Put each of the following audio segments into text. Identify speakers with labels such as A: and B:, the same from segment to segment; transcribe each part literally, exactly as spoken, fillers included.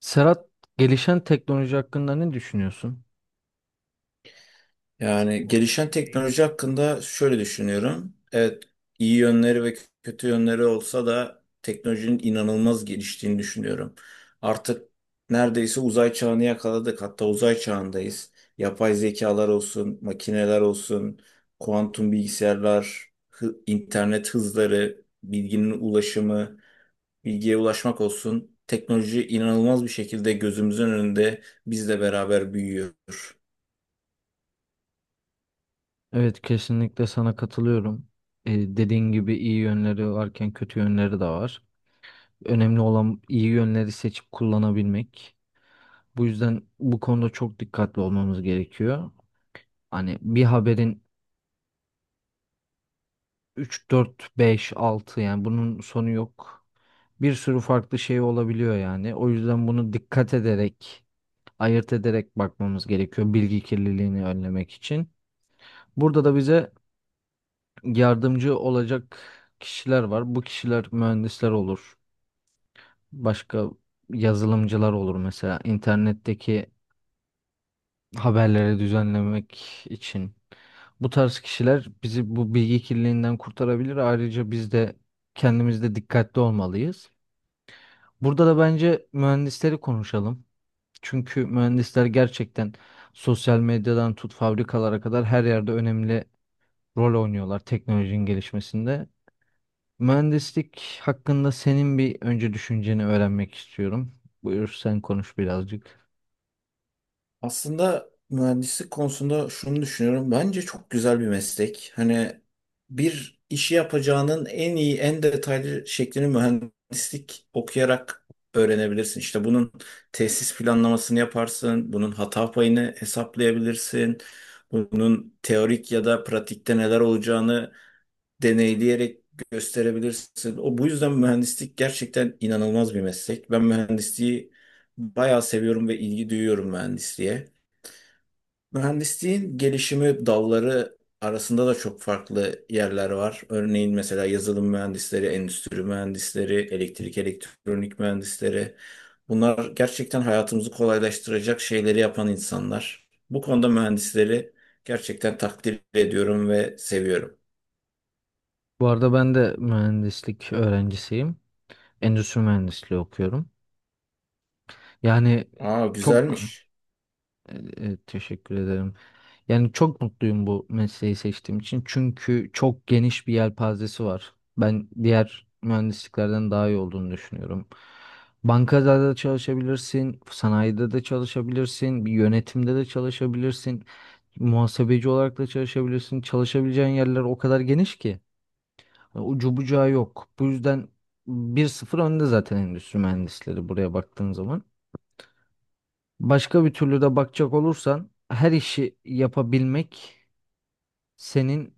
A: Serhat, gelişen teknoloji hakkında ne düşünüyorsun?
B: Yani gelişen teknoloji hakkında şöyle düşünüyorum. Evet, iyi yönleri ve kötü yönleri olsa da teknolojinin inanılmaz geliştiğini düşünüyorum. Artık neredeyse uzay çağını yakaladık. Hatta uzay çağındayız. Yapay zekalar olsun, makineler olsun, kuantum bilgisayarlar, hı- internet hızları, bilginin ulaşımı, bilgiye ulaşmak olsun. Teknoloji inanılmaz bir şekilde gözümüzün önünde bizle beraber büyüyor.
A: Evet, kesinlikle sana katılıyorum. Ee, dediğin gibi iyi yönleri varken kötü yönleri de var. Önemli olan iyi yönleri seçip kullanabilmek. Bu yüzden bu konuda çok dikkatli olmamız gerekiyor. Hani bir haberin üç dört beş altı yani bunun sonu yok. Bir sürü farklı şey olabiliyor yani. O yüzden bunu dikkat ederek, ayırt ederek bakmamız gerekiyor bilgi kirliliğini önlemek için. Burada da bize yardımcı olacak kişiler var. Bu kişiler mühendisler olur. Başka yazılımcılar olur mesela internetteki haberleri düzenlemek için. Bu tarz kişiler bizi bu bilgi kirliliğinden kurtarabilir. Ayrıca biz de kendimizde dikkatli olmalıyız. Burada da bence mühendisleri konuşalım. Çünkü mühendisler gerçekten sosyal medyadan tut fabrikalara kadar her yerde önemli rol oynuyorlar teknolojinin gelişmesinde. Mühendislik hakkında senin bir önce düşünceni öğrenmek istiyorum. Buyur sen konuş birazcık.
B: Aslında mühendislik konusunda şunu düşünüyorum. Bence çok güzel bir meslek. Hani bir işi yapacağının en iyi, en detaylı şeklini mühendislik okuyarak öğrenebilirsin. İşte bunun tesis planlamasını yaparsın, bunun hata payını hesaplayabilirsin, bunun teorik ya da pratikte neler olacağını deneyleyerek gösterebilirsin. O bu yüzden mühendislik gerçekten inanılmaz bir meslek. Ben mühendisliği bayağı seviyorum ve ilgi duyuyorum mühendisliğe. Mühendisliğin gelişimi dalları arasında da çok farklı yerler var. Örneğin mesela yazılım mühendisleri, endüstri mühendisleri, elektrik, elektronik mühendisleri. Bunlar gerçekten hayatımızı kolaylaştıracak şeyleri yapan insanlar. Bu konuda mühendisleri gerçekten takdir ediyorum ve seviyorum.
A: Bu arada ben de mühendislik öğrencisiyim. Endüstri mühendisliği okuyorum. Yani
B: Aa,
A: çok
B: güzelmiş.
A: e, e, teşekkür ederim. Yani çok mutluyum bu mesleği seçtiğim için. Çünkü çok geniş bir yelpazesi var. Ben diğer mühendisliklerden daha iyi olduğunu düşünüyorum. Bankada da çalışabilirsin, sanayide de çalışabilirsin, bir yönetimde de çalışabilirsin. Muhasebeci olarak da çalışabilirsin. Çalışabileceğin yerler o kadar geniş ki. hani ucu bucağı yok. Bu yüzden bir sıfır önde zaten endüstri mühendisleri buraya baktığın zaman. Başka bir türlü de bakacak olursan her işi yapabilmek senin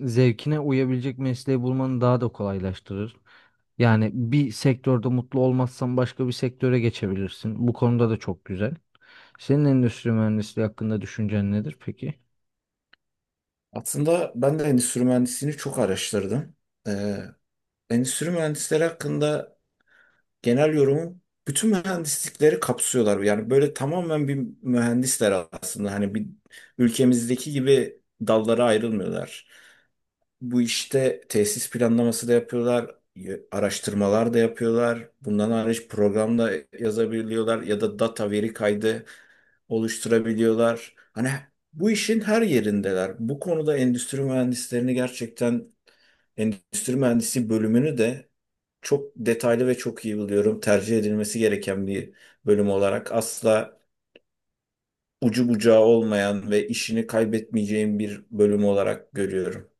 A: zevkine uyabilecek mesleği bulmanı daha da kolaylaştırır. Yani bir sektörde mutlu olmazsan başka bir sektöre geçebilirsin. Bu konuda da çok güzel. Senin endüstri mühendisliği hakkında düşüncen nedir peki?
B: Aslında ben de endüstri mühendisliğini çok araştırdım. Ee, endüstri mühendisleri hakkında genel yorumu bütün mühendislikleri kapsıyorlar. Yani böyle tamamen bir mühendisler aslında. Hani bir ülkemizdeki gibi dallara ayrılmıyorlar. Bu işte tesis planlaması da yapıyorlar, y- araştırmalar da yapıyorlar. Bundan hariç program da yazabiliyorlar ya da data veri kaydı oluşturabiliyorlar. Hani bu işin her yerindeler. Bu konuda endüstri mühendislerini gerçekten endüstri mühendisi bölümünü de çok detaylı ve çok iyi buluyorum. Tercih edilmesi gereken bir bölüm olarak asla ucu bucağı olmayan ve işini kaybetmeyeceğim bir bölüm olarak görüyorum.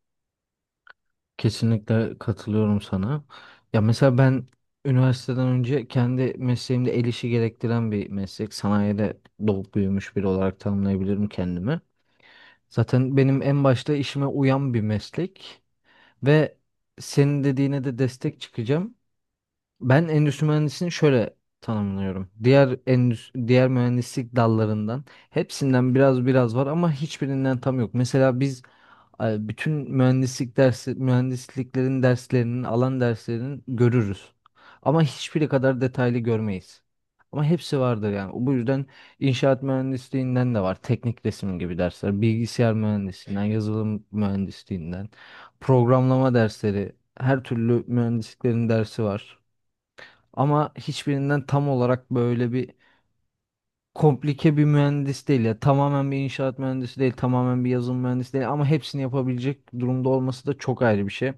A: Kesinlikle katılıyorum sana. Ya mesela ben üniversiteden önce kendi mesleğimde el işi gerektiren bir meslek. Sanayide doğup büyümüş biri olarak tanımlayabilirim kendimi. Zaten benim en başta işime uyan bir meslek ve senin dediğine de destek çıkacağım. Ben endüstri mühendisliğini şöyle tanımlıyorum. Diğer endüstri, diğer mühendislik dallarından hepsinden biraz biraz var ama hiçbirinden tam yok. Mesela biz e, bütün mühendislik dersi, mühendisliklerin derslerinin, alan derslerinin görürüz. Ama hiçbiri kadar detaylı görmeyiz. Ama hepsi vardır yani. Bu yüzden inşaat mühendisliğinden de var. Teknik resim gibi dersler. Bilgisayar mühendisliğinden, yazılım mühendisliğinden, programlama dersleri, her türlü mühendisliklerin dersi var. Ama hiçbirinden tam olarak böyle bir komplike bir mühendis değil ya. Tamamen bir inşaat mühendisi değil, tamamen bir yazılım mühendisi değil ama hepsini yapabilecek durumda olması da çok ayrı bir şey.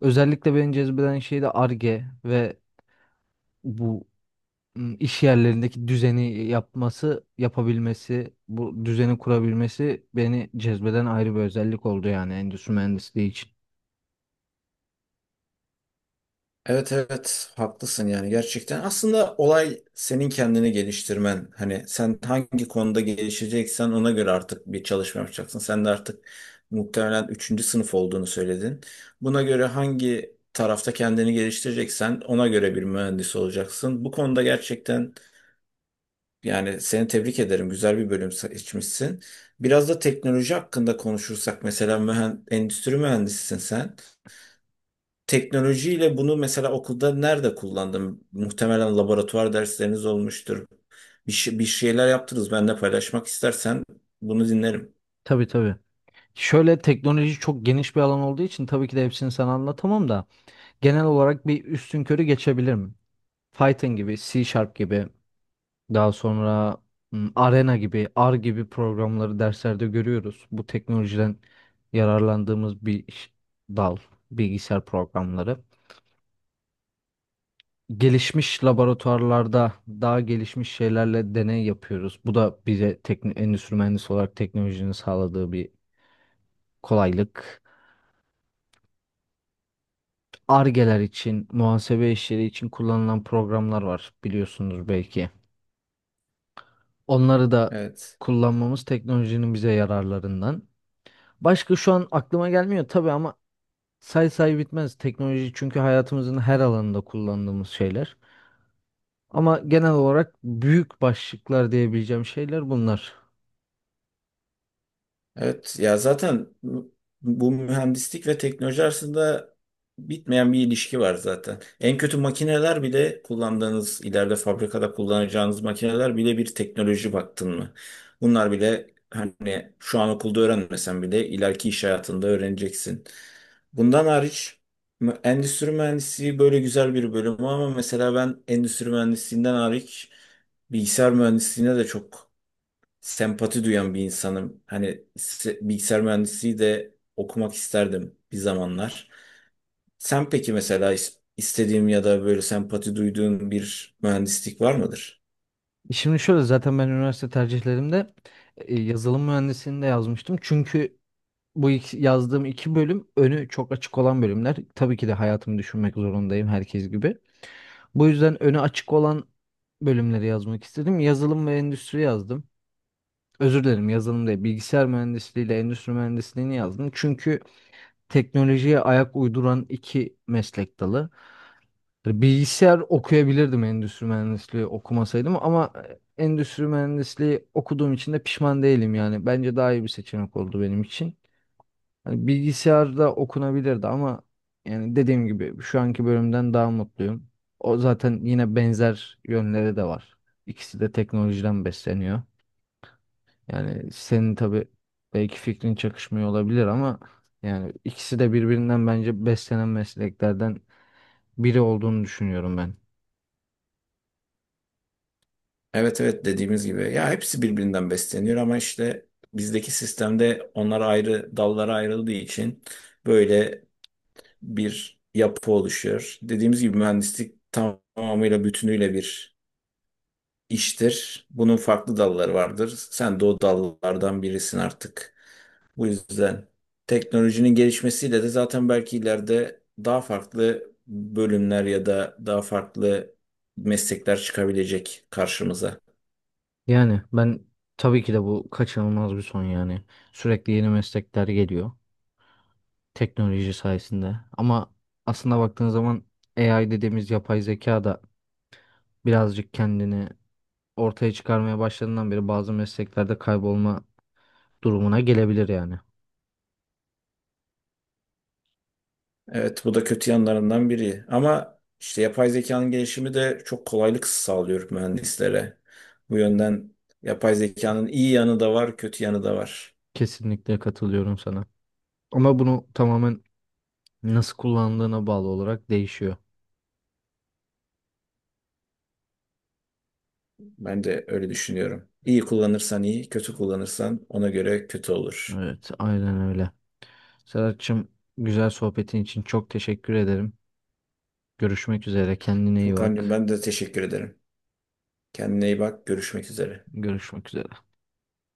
A: Özellikle beni cezbeden şey de Ar-Ge ve bu ım, iş yerlerindeki düzeni yapması, yapabilmesi, bu düzeni kurabilmesi beni cezbeden ayrı bir özellik oldu yani endüstri mühendisliği için.
B: Evet, evet, haklısın yani gerçekten. Aslında olay senin kendini geliştirmen. Hani sen hangi konuda gelişeceksen ona göre artık bir çalışma yapacaksın. Sen de artık muhtemelen üçüncü sınıf olduğunu söyledin. Buna göre hangi tarafta kendini geliştireceksen ona göre bir mühendis olacaksın. Bu konuda gerçekten yani seni tebrik ederim. Güzel bir bölüm seçmişsin. Biraz da teknoloji hakkında konuşursak mesela mühen- endüstri mühendisisin sen. Teknolojiyle bunu mesela okulda nerede kullandım? Muhtemelen laboratuvar dersleriniz olmuştur. Bir, şey- bir şeyler yaptınız. Benimle paylaşmak istersen bunu dinlerim.
A: Tabii, tabii. Şöyle teknoloji çok geniş bir alan olduğu için tabii ki de hepsini sana anlatamam da. Genel olarak bir üstünkörü geçebilirim. Python gibi, C Sharp gibi, daha sonra m, Arena gibi, R gibi programları derslerde görüyoruz. Bu teknolojiden yararlandığımız bir iş- dal, bilgisayar programları. Gelişmiş laboratuvarlarda daha gelişmiş şeylerle deney yapıyoruz. Bu da bize tekn- endüstri mühendisi olarak teknolojinin sağladığı bir kolaylık. Argeler için, muhasebe işleri için kullanılan programlar var biliyorsunuz belki. Onları da
B: Evet.
A: kullanmamız teknolojinin bize yararlarından. Başka şu an aklıma gelmiyor tabii ama say say bitmez teknoloji çünkü hayatımızın her alanında kullandığımız şeyler. Ama genel olarak büyük başlıklar diyebileceğim şeyler bunlar.
B: Evet ya, zaten bu bu mühendislik ve teknoloji arasında bitmeyen bir ilişki var zaten. En kötü makineler bile kullandığınız, ileride fabrikada kullanacağınız makineler bile bir teknoloji baktın mı? Bunlar bile hani şu an okulda öğrenmesen bile ileriki iş hayatında öğreneceksin. Bundan hariç mü- endüstri mühendisliği böyle güzel bir bölüm ama mesela ben endüstri mühendisliğinden hariç bilgisayar mühendisliğine de çok sempati duyan bir insanım. Hani se- bilgisayar mühendisliği de okumak isterdim bir zamanlar. Sen peki mesela is- istediğim ya da böyle sempati duyduğun bir mühendislik var mıdır?
A: Şimdi şöyle zaten ben üniversite tercihlerimde e, yazılım mühendisliğini de yazmıştım. Çünkü bu iki- yazdığım iki bölüm önü çok açık olan bölümler. Tabii ki de hayatımı düşünmek zorundayım herkes gibi. Bu yüzden öne açık olan bölümleri yazmak istedim. Yazılım ve endüstri yazdım. Özür dilerim, yazılım değil. Bilgisayar mühendisliği ile endüstri mühendisliğini yazdım. Çünkü teknolojiye ayak uyduran iki meslek dalı. Hani bilgisayar okuyabilirdim endüstri mühendisliği okumasaydım ama e, endüstri mühendisliği okuduğum için de pişman değilim yani. Bence daha iyi bir seçenek oldu benim için. Hani bilgisayarda okunabilirdi ama yani dediğim gibi şu anki bölümden daha mutluyum. O zaten yine benzer yönleri de var. İkisi de teknolojiden besleniyor. Yani senin tabii belki fikrin çakışmıyor olabilir ama yani ikisi de birbirinden bence beslenen mesleklerden biri olduğunu düşünüyorum ben.
B: Evet, evet, dediğimiz gibi ya hepsi birbirinden besleniyor ama işte bizdeki sistemde onlar ayrı dallara ayrıldığı için böyle bir yapı oluşuyor. Dediğimiz gibi mühendislik tamamıyla bütünüyle bir iştir. Bunun farklı dalları vardır. Sen de o dallardan birisin artık. Bu yüzden teknolojinin gelişmesiyle de zaten belki ileride daha farklı bölümler ya da daha farklı meslekler çıkabilecek karşımıza.
A: Yani ben tabii ki de bu kaçınılmaz bir son yani. Sürekli yeni meslekler geliyor teknoloji sayesinde. Ama aslında baktığın zaman A I dediğimiz yapay zeka da birazcık kendini ortaya çıkarmaya başladığından beri bazı mesleklerde kaybolma durumuna gelebilir yani.
B: Evet, bu da kötü yanlarından biri. Ama işte yapay zekanın gelişimi de çok kolaylık sağlıyor mühendislere. Bu yönden yapay zekanın iyi yanı da var, kötü yanı da var.
A: Kesinlikle katılıyorum sana. Ama bunu tamamen nasıl kullandığına bağlı olarak değişiyor.
B: Ben de öyle düşünüyorum. İyi kullanırsan iyi, kötü kullanırsan ona göre kötü olur.
A: Evet, aynen öyle. Serhat'cığım, güzel sohbetin için çok teşekkür ederim. Görüşmek üzere. Kendine iyi
B: Furkancığım,
A: bak.
B: ben de teşekkür ederim. Kendine iyi bak, görüşmek üzere.
A: Görüşmek üzere.